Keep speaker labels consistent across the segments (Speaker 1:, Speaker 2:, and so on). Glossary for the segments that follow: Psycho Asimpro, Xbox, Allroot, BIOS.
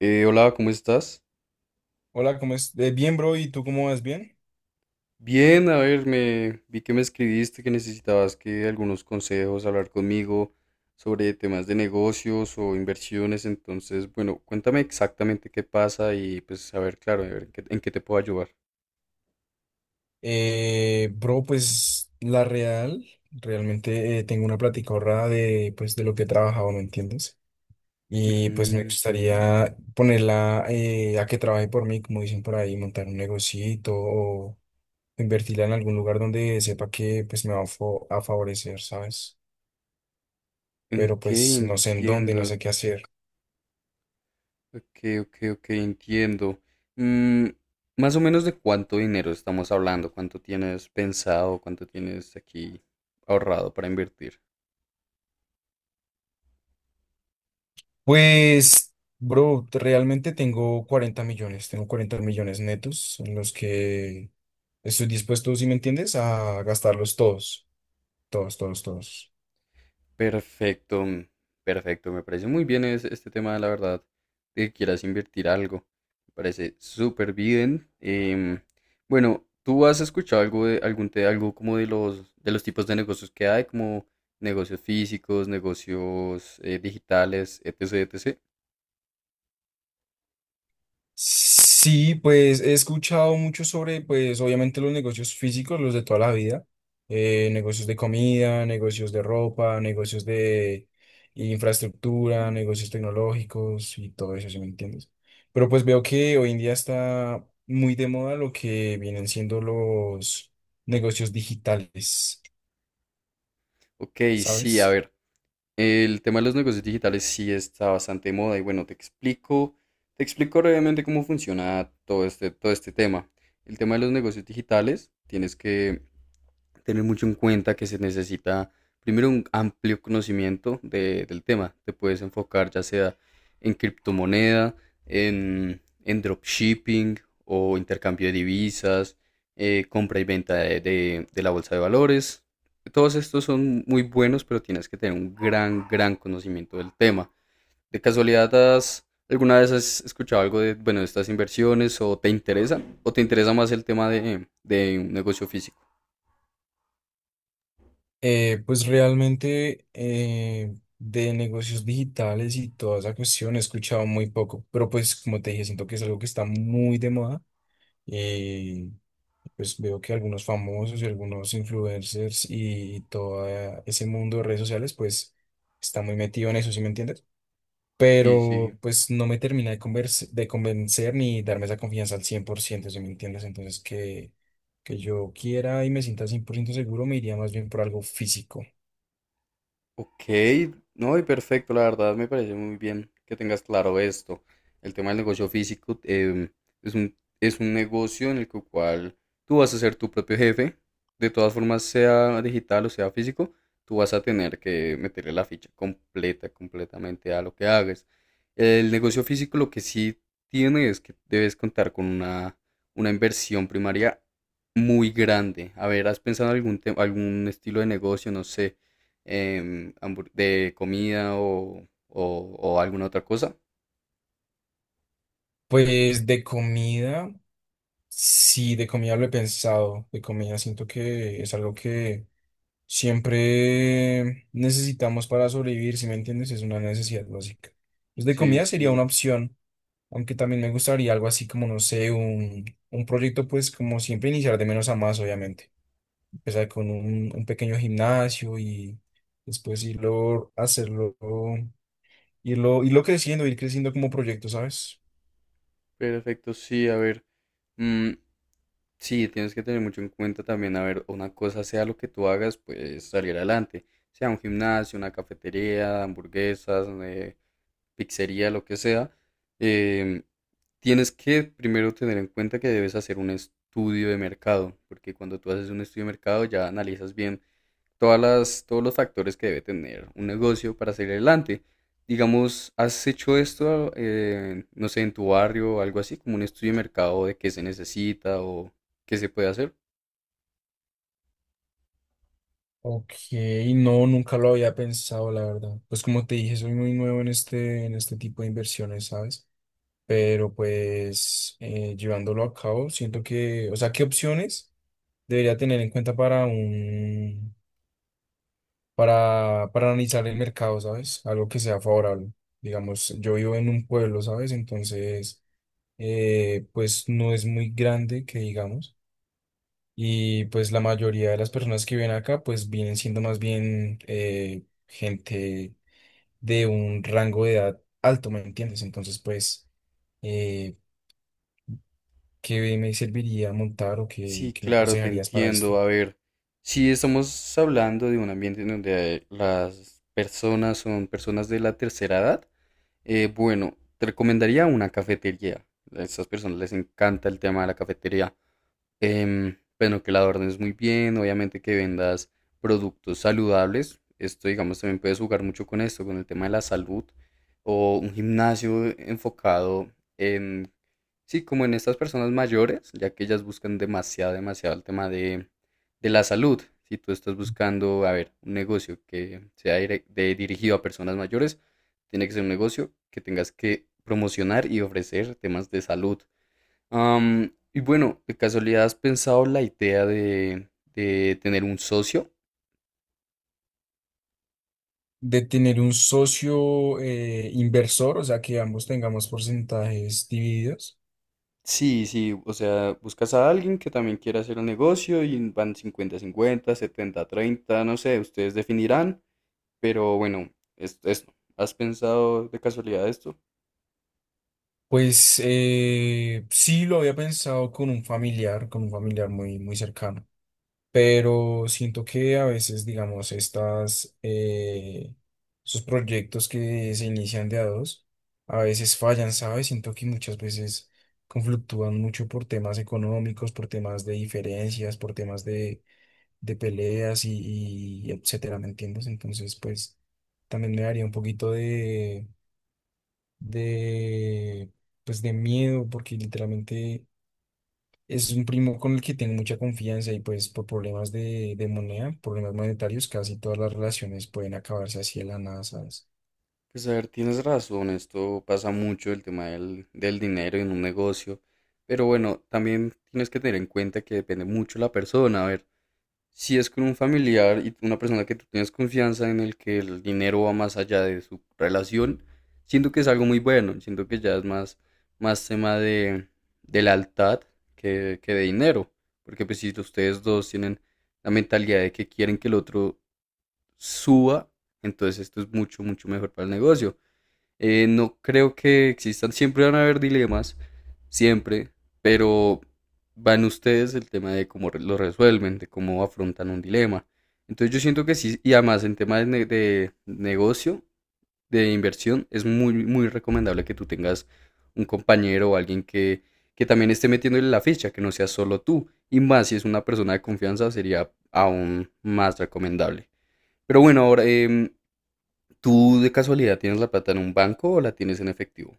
Speaker 1: Hola, ¿cómo estás?
Speaker 2: Hola, ¿cómo es? Bien, bro, ¿y tú cómo vas? ¿Bien?
Speaker 1: Bien, a ver, me vi que me escribiste que necesitabas que algunos consejos, hablar conmigo sobre temas de negocios o inversiones. Entonces, bueno, cuéntame exactamente qué pasa y pues a ver, claro, a ver, ¿en qué te puedo ayudar?
Speaker 2: Bro, realmente tengo una plática ahorrada de lo que he trabajado, ¿me entiendes? Y pues me
Speaker 1: Ujú.
Speaker 2: gustaría ponerla a que trabaje por mí, como dicen por ahí, montar un negocito o invertirla en algún lugar donde sepa que pues me va a a favorecer, ¿sabes? Pero
Speaker 1: Ok,
Speaker 2: pues no sé en dónde, no
Speaker 1: entiendo.
Speaker 2: sé qué hacer.
Speaker 1: Ok, ok, ok, entiendo. Mm, más o menos de cuánto dinero estamos hablando, cuánto tienes pensado, cuánto tienes aquí ahorrado para invertir.
Speaker 2: Pues, bro, realmente tengo 40 millones, tengo 40 millones netos en los que estoy dispuesto, si me entiendes, a gastarlos todos, todos, todos, todos.
Speaker 1: Perfecto, perfecto. Me parece muy bien este tema, la verdad, de que quieras invertir algo. Me parece súper bien. Bueno, ¿tú has escuchado algo de algo como de los tipos de negocios que hay, como negocios físicos, negocios digitales, etc, etc?
Speaker 2: Sí, pues he escuchado mucho sobre, pues obviamente los negocios físicos, los de toda la vida, negocios de comida, negocios de ropa, negocios de infraestructura, negocios tecnológicos y todo eso, si me entiendes. Pero pues veo que hoy en día está muy de moda lo que vienen siendo los negocios digitales,
Speaker 1: Ok, sí, a
Speaker 2: ¿sabes?
Speaker 1: ver. El tema de los negocios digitales sí está bastante de moda y bueno, te explico brevemente cómo funciona todo este tema. El tema de los negocios digitales, tienes que tener mucho en cuenta que se necesita primero un amplio conocimiento del tema. Te puedes enfocar ya sea en criptomoneda, en dropshipping o intercambio de divisas, compra y venta de la bolsa de valores. Todos estos son muy buenos, pero tienes que tener un gran conocimiento del tema. ¿De casualidad alguna vez has escuchado algo de, bueno, de estas inversiones o te interesan? ¿O te interesa más el tema de un negocio físico?
Speaker 2: Pues realmente de negocios digitales y toda esa cuestión he escuchado muy poco, pero pues como te dije, siento que es algo que está muy de moda. eh, pues veo que algunos famosos y algunos influencers y todo ese mundo de redes sociales, pues está muy metido en eso, ¿sí me entiendes?
Speaker 1: Sí, sí.
Speaker 2: Pero pues no me termina de convencer ni darme esa confianza al 100%, ¿sí me entiendes? Que yo quiera y me sienta 100% seguro, me iría más bien por algo físico.
Speaker 1: Ok, no, y perfecto, la verdad me parece muy bien que tengas claro esto. El tema del negocio físico, es un negocio en el cual tú vas a ser tu propio jefe. De todas formas, sea digital o sea físico, tú vas a tener que meterle la ficha completa, completamente a lo que hagas. El negocio físico lo que sí tiene es que debes contar una inversión primaria muy grande. A ver, ¿has pensado en algún estilo de negocio, no sé, de comida o, o alguna otra cosa?
Speaker 2: Pues de comida, sí, de comida lo he pensado. De comida siento que es algo que siempre necesitamos para sobrevivir, si me entiendes, es una necesidad básica. Pues de
Speaker 1: Sí,
Speaker 2: comida sería una
Speaker 1: sí,
Speaker 2: opción, aunque también me gustaría algo así como, no sé, un proyecto, pues como siempre iniciar de menos a más, obviamente. Empezar con un pequeño gimnasio y después hacerlo, irlo creciendo, ir creciendo como proyecto, ¿sabes?
Speaker 1: perfecto, sí, a ver. mm, sí, tienes que tener mucho en cuenta también, a ver, una cosa sea lo que tú hagas, pues salir adelante, sea un gimnasio, una cafetería, hamburguesas, pizzería, lo que sea. em, Tienes que primero tener en cuenta que debes hacer un estudio de mercado, porque cuando tú haces un estudio de mercado ya analizas bien todos los factores que debe tener un negocio para salir adelante. Digamos, ¿has hecho esto, no sé, en tu barrio o algo así, como un estudio de mercado de qué se necesita o qué se puede hacer?
Speaker 2: Ok, no, nunca lo había pensado, la verdad. Pues como te dije, soy muy nuevo en en este tipo de inversiones, ¿sabes? Pero pues llevándolo a cabo, siento que, o sea, ¿qué opciones debería tener en cuenta para analizar el mercado, ¿sabes? Algo que sea favorable. Digamos, yo vivo en un pueblo, ¿sabes? Entonces, pues no es muy grande, que digamos. Y pues la mayoría de las personas que viven acá, pues vienen siendo más bien gente de un rango de edad alto, ¿me entiendes? Entonces, pues, eh, ¿qué me serviría montar o qué,
Speaker 1: Sí,
Speaker 2: qué me
Speaker 1: claro, te
Speaker 2: aconsejarías para esto?
Speaker 1: entiendo. A ver, si estamos hablando de un ambiente en donde las personas son personas de la tercera edad, bueno, te recomendaría una cafetería. A estas personas les encanta el tema de la cafetería. Bueno, que la adornes muy bien, obviamente que vendas productos saludables. Esto, digamos, también puedes jugar mucho con esto, con el tema de la salud. O un gimnasio enfocado en, sí, como en estas personas mayores, ya que ellas buscan demasiado, demasiado el tema de la salud. Si tú estás buscando, a ver, un negocio que sea dirigido a personas mayores, tiene que ser un negocio que tengas que promocionar y ofrecer temas de salud. Y bueno, ¿de casualidad has pensado la idea de tener un socio?
Speaker 2: De tener un socio inversor, o sea, que ambos tengamos porcentajes divididos.
Speaker 1: Sí, sí, o sea, buscas a alguien que también quiera hacer un negocio y van cincuenta-cincuenta, setenta-treinta, no sé, ustedes definirán. Pero bueno, esto. ¿Has pensado de casualidad esto?
Speaker 2: Pues sí lo había pensado con un familiar muy, muy cercano. Pero siento que a veces, digamos, esos proyectos que se inician de a dos, a veces fallan, ¿sabes? Siento que muchas veces conflictúan mucho por temas económicos, por temas de diferencias, de peleas y etcétera, ¿me entiendes? Entonces, pues, también me daría un poquito de, pues, de miedo, porque literalmente es un primo con el que tengo mucha confianza y pues por problemas de moneda, problemas monetarios, casi todas las relaciones pueden acabarse así de la nada, ¿sabes?
Speaker 1: Pues a ver, tienes razón, esto pasa mucho, el tema del dinero en un negocio. Pero bueno, también tienes que tener en cuenta que depende mucho la persona. A ver, si es con un familiar y una persona que tú tienes confianza en el que el dinero va más allá de su relación, siento que es algo muy bueno. Siento que ya es más tema de lealtad que de dinero. Porque pues si ustedes dos tienen la mentalidad de que quieren que el otro suba, entonces esto es mucho, mucho mejor para el negocio. No creo que existan, siempre van a haber dilemas, siempre, pero van ustedes el tema de cómo lo resuelven, de cómo afrontan un dilema. Entonces yo siento que sí, y además en tema de, de negocio, de inversión, es muy, muy recomendable que tú tengas un compañero o alguien que también esté metiéndole la ficha, que no sea solo tú. Y más si es una persona de confianza, sería aún más recomendable. Pero bueno, ahora, ¿tú de casualidad tienes la plata en un banco o la tienes en efectivo?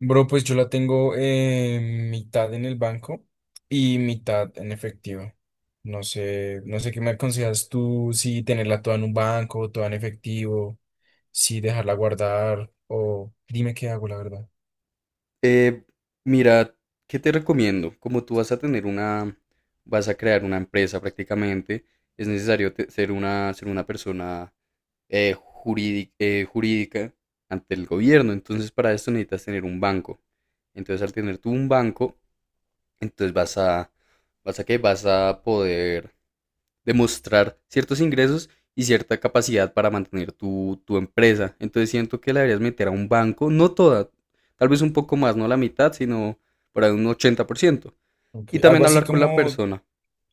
Speaker 2: Bro, pues yo la tengo mitad en el banco y mitad en efectivo. No sé, no sé qué me aconsejas tú, si tenerla toda en un banco, toda en efectivo, si dejarla guardar o dime qué hago, la verdad.
Speaker 1: Eh, mira, ¿qué te recomiendo? Como tú vas a crear una empresa prácticamente, es necesario ser ser una persona jurídica ante el gobierno. Entonces, para esto necesitas tener un banco. Entonces, al tener tú un banco, entonces vas a qué? Vas a poder demostrar ciertos ingresos y cierta capacidad para mantener tu empresa. Entonces siento que la deberías meter a un banco, no toda, tal vez un poco más, no la mitad, sino por ahí un 80%.
Speaker 2: Ok,
Speaker 1: Y
Speaker 2: algo
Speaker 1: también
Speaker 2: así
Speaker 1: hablar con la
Speaker 2: como,
Speaker 1: persona,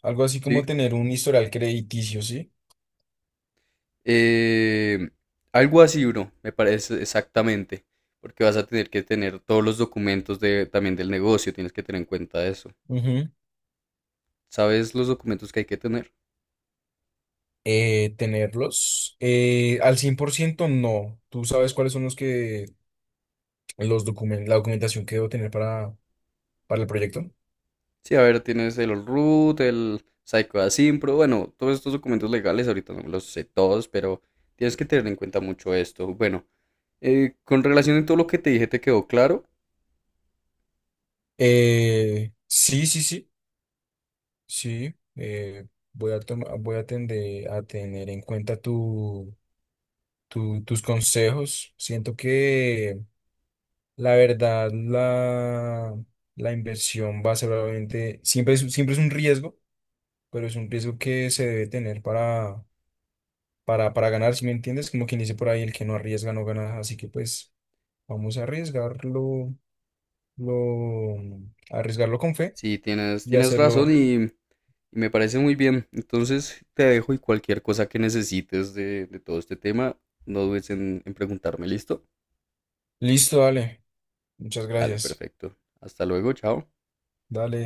Speaker 2: algo así
Speaker 1: ¿sí?
Speaker 2: como tener un historial crediticio, ¿sí?
Speaker 1: Eh, algo así, bro, me parece exactamente, porque vas a tener que tener todos los documentos de, también del negocio, tienes que tener en cuenta eso. ¿Sabes los documentos que hay que tener?
Speaker 2: Eh, tenerlos. Al 100% no. ¿Tú sabes cuáles son los que la documentación que debo tener para el proyecto?
Speaker 1: Sí, a ver, tienes el Allroot, el Psycho Asimpro, bueno, todos estos documentos legales, ahorita no me los sé todos, pero tienes que tener en cuenta mucho esto. Bueno, con relación a todo lo que te dije, ¿te quedó claro?
Speaker 2: Sí, sí, sí, sí. Voy a tender a tener en cuenta tus consejos. Siento que la verdad, la inversión va a ser obviamente, siempre es un riesgo, pero es un riesgo que se debe tener para ganar, si me entiendes, como quien dice por ahí, el que no arriesga no gana, así que pues vamos a arriesgarlo, lo, a arriesgarlo con fe
Speaker 1: Sí,
Speaker 2: y
Speaker 1: tienes razón
Speaker 2: hacerlo.
Speaker 1: y me parece muy bien. Entonces te dejo y cualquier cosa que necesites de todo este tema, no dudes en preguntarme, ¿listo?
Speaker 2: Listo, dale, muchas
Speaker 1: Dale,
Speaker 2: gracias,
Speaker 1: perfecto. Hasta luego, chao.
Speaker 2: dale.